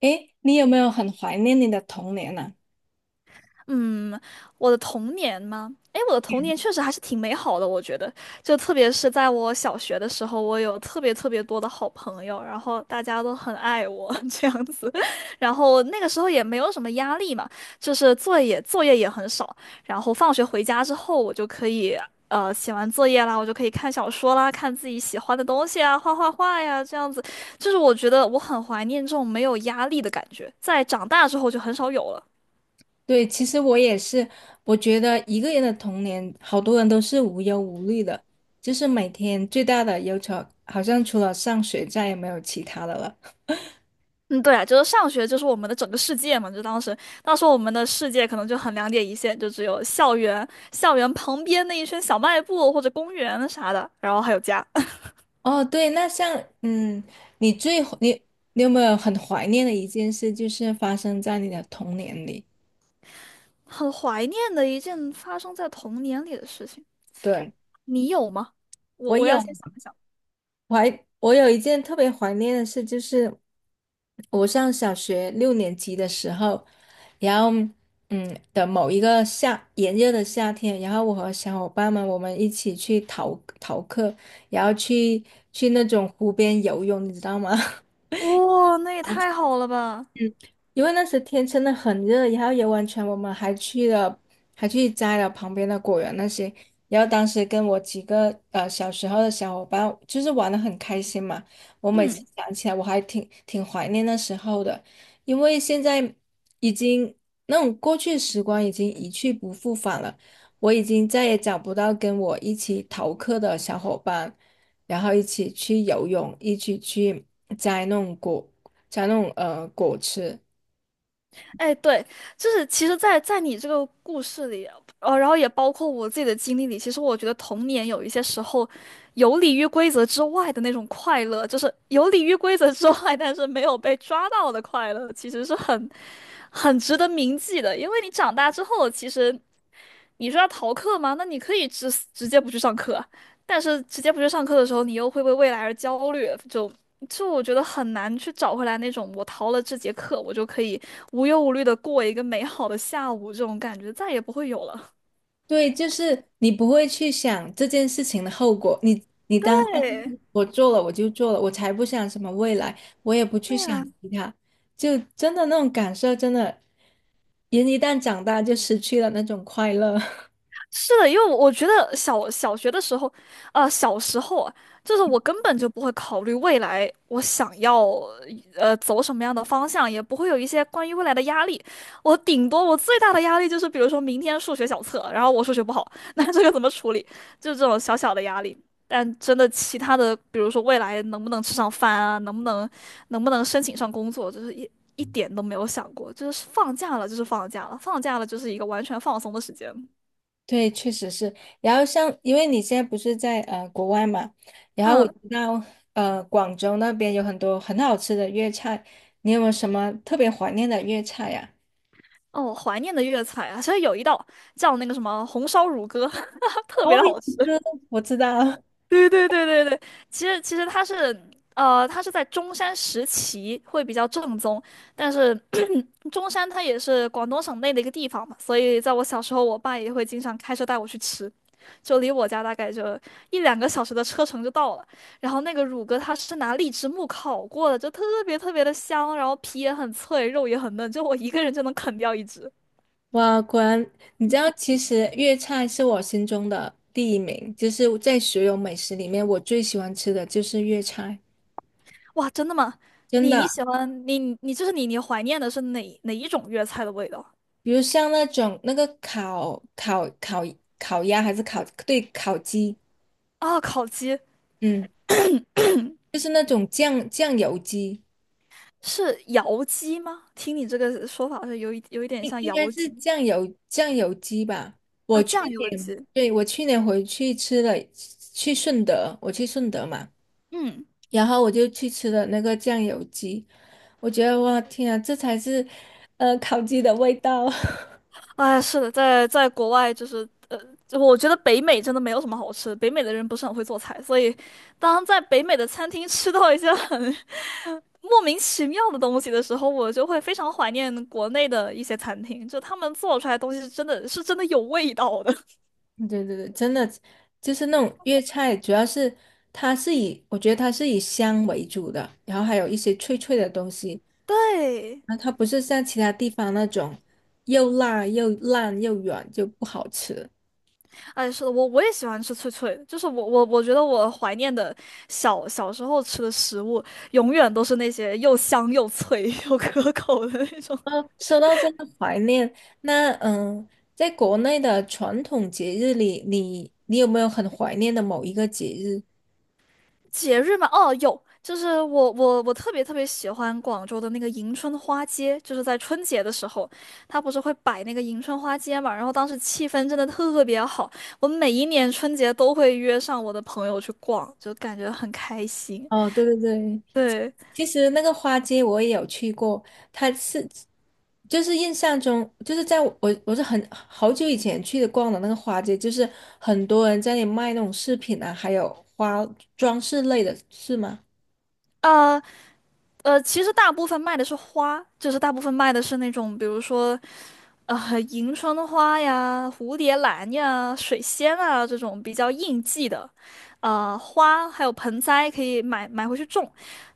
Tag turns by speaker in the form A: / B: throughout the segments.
A: 诶，你有没有很怀念你的童年呢？
B: 嗯，我的童年吗？诶，我的童年确实还是挺美好的，我觉得，就特别是在我小学的时候，我有特别特别多的好朋友，然后大家都很爱我 这样子，然后那个时候也没有什么压力嘛，就是作业也很少，然后放学回家之后，我就可以写完作业啦，我就可以看小说啦，看自己喜欢的东西啊，画画画呀，这样子，就是我觉得我很怀念这种没有压力的感觉，在长大之后就很少有了。
A: 对，其实我也是，我觉得一个人的童年，好多人都是无忧无虑的，就是每天最大的忧愁，好像除了上学，再也没有其他的了。
B: 嗯，对啊，就是上学就是我们的整个世界嘛，就当时我们的世界可能就很两点一线，就只有校园，校园旁边那一圈小卖部或者公园啥的，然后还有家，
A: 哦，对，那像，嗯，你最你你有没有很怀念的一件事，就是发生在你的童年里？
B: 很怀念的一件发生在童年里的事情，
A: 对，
B: 你有吗？我
A: 我
B: 我要
A: 有。
B: 先想一想，
A: 我有一件特别怀念的事，就是我上小学六年级的时候，然后某一个炎热的夏天，然后我和小伙伴们一起去逃课，然后去那种湖边游泳，你知道吗？
B: 哇、那也太好了吧，
A: 因为那时天真的很热，然后游完全我们还去了，还去摘了旁边的果园那些。然后当时跟我几个小时候的小伙伴，就是玩的很开心嘛。我每次
B: 嗯。
A: 想起来，我还挺怀念那时候的，因为现在已经那种过去的时光已经一去不复返了。我已经再也找不到跟我一起逃课的小伙伴，然后一起去游泳，一起去摘那种果，摘那种果吃。
B: 哎，对，就是其实在，在你这个故事里，然后也包括我自己的经历里，其实我觉得童年有一些时候游离于规则之外的那种快乐，就是游离于规则之外，但是没有被抓到的快乐，其实是很值得铭记的。因为你长大之后，其实你说要逃课吗？那你可以直接不去上课，但是直接不去上课的时候，你又会为未来而焦虑，就我觉得很难去找回来那种我逃了这节课，我就可以无忧无虑的过一个美好的下午这种感觉，再也不会有了。
A: 对，就是你不会去想这件事情的后果，你当下
B: 对，
A: 我做了我就做了，我才不想什么未来，我也不去想
B: 对
A: 其他，就真的那种感受，真的人一旦长大就失去了那种快乐。
B: 是的，因为我觉得小学的时候，呃，小时候啊，就是我根本就不会考虑未来我想要走什么样的方向，也不会有一些关于未来的压力。我顶多我最大的压力就是，比如说明天数学小测，然后我数学不好，那这个怎么处理？就这种小小的压力。但真的其他的，比如说未来能不能吃上饭啊，能不能申请上工作，就是一点都没有想过。就是放假了就是放假了，放假了就是一个完全放松的时间。
A: 对，确实是。然后像因为你现在不是在国外嘛，然后我知
B: 嗯。
A: 道广州那边有很多很好吃的粤菜，你有没有什么特别怀念的粤菜呀？
B: 哦，怀念的粤菜啊，其实有一道叫那个什么红烧乳鸽，特
A: 哦，
B: 别的好
A: 一
B: 吃。
A: 个我知道。
B: 对对对对对，其实它是它是在中山石岐会比较正宗，但是 中山它也是广东省内的一个地方嘛，所以在我小时候，我爸也会经常开车带我去吃，就离我家大概就一两个小时的车程就到了。然后那个乳鸽它是拿荔枝木烤过的，就特别特别的香，然后皮也很脆，肉也很嫩，就我一个人就能啃掉一只。
A: 哇，果然，你知道，其实粤菜是我心中的第一名，就是在所有美食里面，我最喜欢吃的就是粤菜，
B: 哇，真的吗？
A: 真
B: 你你
A: 的。
B: 喜欢你你就是你你怀念的是哪一种粤菜的味道
A: 比如像那种那个烤鸭还是烤，对，烤鸡，
B: 啊？烤鸡
A: 嗯，就是那种酱油鸡，
B: 是窑鸡吗？听你这个说法是有一点
A: 应
B: 像
A: 应该
B: 窑
A: 是
B: 鸡
A: 酱油鸡吧。我
B: 啊，
A: 去，
B: 酱油鸡。
A: 对，我去年回去吃了，去顺德，我去顺德嘛。
B: 嗯，
A: 然后我就去吃了那个酱油鸡，我觉得哇天啊，这才是烤鸡的味道。
B: 哎，是的，在国外就是就我觉得北美真的没有什么好吃的，北美的人不是很会做菜，所以当在北美的餐厅吃到一些很 莫名其妙的东西的时候，我就会非常怀念国内的一些餐厅，就他们做出来的东西是真的有味道的。
A: 对对对，真的就是那种粤菜，主要是它是以我觉得它是以香为主的，然后还有一些脆脆的东西，
B: 对，
A: 然后它不是像其他地方那种又辣又烂又软就不好吃。
B: 哎，是的，我也喜欢吃脆脆的，就是我觉得我怀念的小时候吃的食物，永远都是那些又香又脆 又可口的那种。
A: 哦，说到这个怀念，那嗯，在国内的传统节日里，你有没有很怀念的某一个节日？
B: 节日嘛，哦，有，就是我特别特别喜欢广州的那个迎春花街，就是在春节的时候，它不是会摆那个迎春花街嘛，然后当时气氛真的特别好，我每一年春节都会约上我的朋友去逛，就感觉很开心。
A: 哦，对对对，
B: 对。
A: 其实那个花街我也有去过，它是就是印象中，就是我是很好久以前逛的那个花街，就是很多人在那里卖那种饰品啊，还有花装饰类的，是吗？
B: 呃。呃，其实大部分卖的是花，就是大部分卖的是那种，比如说，呃，迎春花呀、蝴蝶兰呀、水仙啊这种比较应季的，呃，花还有盆栽可以买回去种。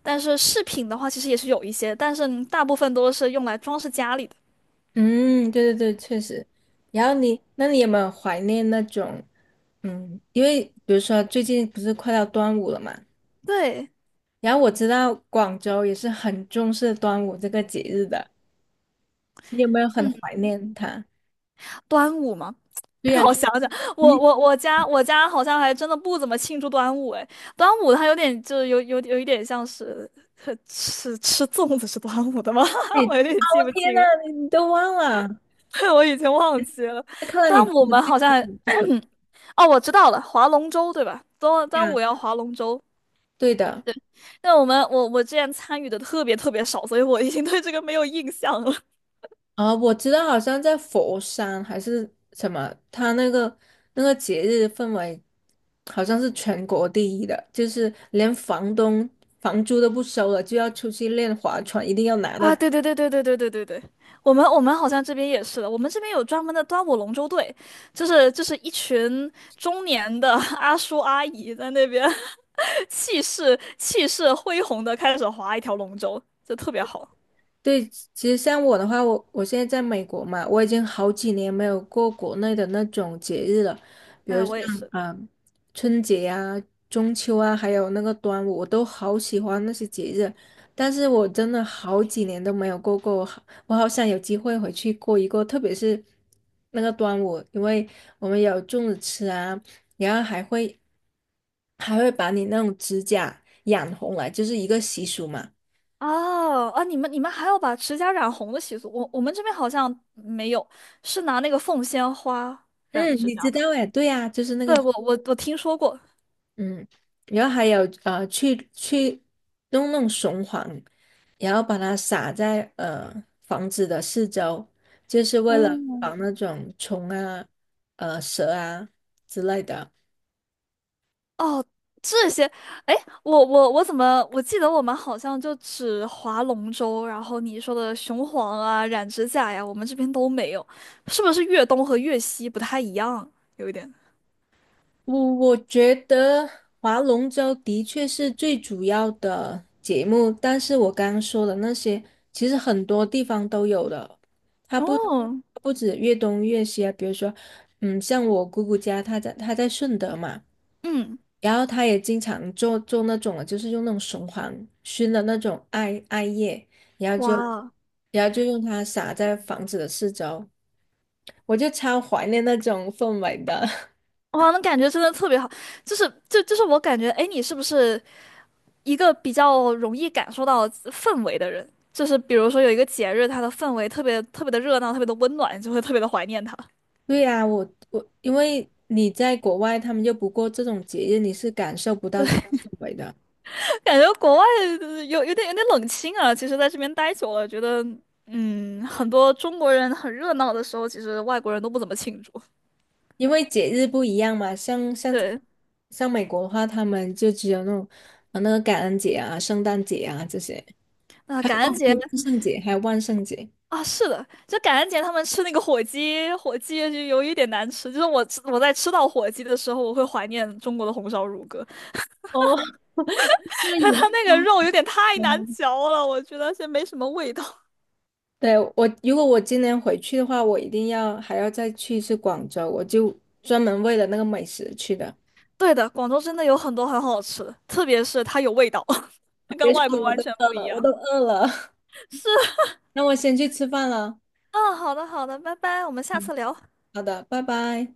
B: 但是饰品的话，其实也是有一些，但是大部分都是用来装饰家里的。
A: 嗯，对对对，确实。然后你，那你有没有怀念那种，嗯，因为比如说最近不是快到端午了嘛，
B: 对，
A: 然后我知道广州也是很重视端午这个节日的，你有没有很怀念它？
B: 端午嘛。
A: 对
B: 让
A: 呀。
B: 我想想，我
A: 你
B: 我我家我家好像还真的不怎么庆祝端午哎，端午它有点就有一点像是呵吃粽子是端午的吗？
A: 你
B: 我有点
A: 啊，
B: 记
A: 我
B: 不
A: 天
B: 清
A: 呐，
B: 了，
A: 你都忘了？
B: 我已经忘记了。
A: 那看来你
B: 端午我
A: 真的
B: 们好像还
A: 是什
B: 哦，我知道了，划龙舟对吧？端端
A: 呀？
B: 午要划龙舟，
A: 对的，
B: 但我们我我之前参与的特别特别少，所以我已经对这个没有印象了。
A: 啊，我知道，好像在佛山还是什么，他那个那个节日氛围好像是全国第一的，就是连房东房租都不收了，就要出去练划船，一定要拿到。
B: 啊，对对对对对对对对对，我们好像这边也是的，我们这边有专门的端午龙舟队，就是一群中年的 阿叔阿姨在那边 气势恢宏的开始划一条龙舟，就特别好。
A: 对，其实像我的话，我现在在美国嘛，我已经好几年没有过国内的那种节日了，比
B: 哎，
A: 如
B: 我也
A: 像
B: 是。
A: 啊、呃春节啊、中秋啊，还有那个端午，我都好喜欢那些节日，但是我真的好几年都没有过过，我好想有机会回去过一过，特别是那个端午，因为我们有粽子吃啊，然后还会把你那种指甲染红来，就是一个习俗嘛。
B: 哦啊，你们还有把指甲染红的习俗，我们这边好像没有，是拿那个凤仙花染
A: 嗯，
B: 指
A: 你
B: 甲
A: 知
B: 吗？
A: 道哎，对呀，就是那
B: 对，
A: 个。
B: 我听说过。
A: 嗯，然后还有，去弄雄黄，然后把它撒在房子的四周，就是为了防
B: 嗯。
A: 那种虫啊、蛇啊之类的。
B: 哦，这些，哎，我我我怎么我记得我们好像就只划龙舟，然后你说的雄黄啊、染指甲呀，我们这边都没有，是不是粤东和粤西不太一样？有一点。
A: 我觉得划龙舟的确是最主要的节目，但是我刚刚说的那些，其实很多地方都有的，它不
B: 哦，
A: 不止粤东粤西啊，比如说，嗯，像我姑姑家，她在顺德嘛，
B: 嗯，
A: 然后她也经常做那种啊，就是用那种雄黄熏的那种艾叶，然后就
B: 哇
A: 然后就用它撒在房子的四周，我就超怀念那种氛围的。
B: 哇，那感觉真的特别好，就是就我感觉，哎，你是不是一个比较容易感受到氛围的人？就是比如说有一个节日，它的氛围特别特别的热闹，特别的温暖，你就会特别的怀念它。
A: 对呀，我我因为你在国外，他们就不过这种节日，你是感受不到这种氛围的，
B: 感觉国外有点冷清啊。其实在这边待久了，觉得嗯，很多中国人很热闹的时候，其实外国人都不怎么庆祝。
A: 因为节日不一样嘛。
B: 对，
A: 像美国的话，他们就只有那种啊那个感恩节啊、圣诞节啊这些，
B: 那
A: 还有
B: 感恩
A: 哦，还
B: 节
A: 有万圣节，还有万圣节。
B: 啊，是的，就感恩节他们吃那个火鸡，火鸡就有一点难吃。就是我在吃到火鸡的时候，我会怀念中国的红烧乳鸽，
A: 哦，因 为
B: 但
A: 你们
B: 它那个肉有点太难嚼了，我觉得是没什么味道。
A: 对，我，如果我今年回去的话，我一定要还要再去一次广州，我就专门为了那个美食去的。
B: 对的，广州真的有很多很好吃的，特别是它有味道，跟
A: 别
B: 外
A: 说
B: 国
A: 了我
B: 完
A: 都
B: 全
A: 饿
B: 不一
A: 了，我都
B: 样。
A: 饿了，
B: 是
A: 那我先去吃饭了。
B: 嗯，好的好的，拜拜，我们下次聊。
A: 好的，拜拜。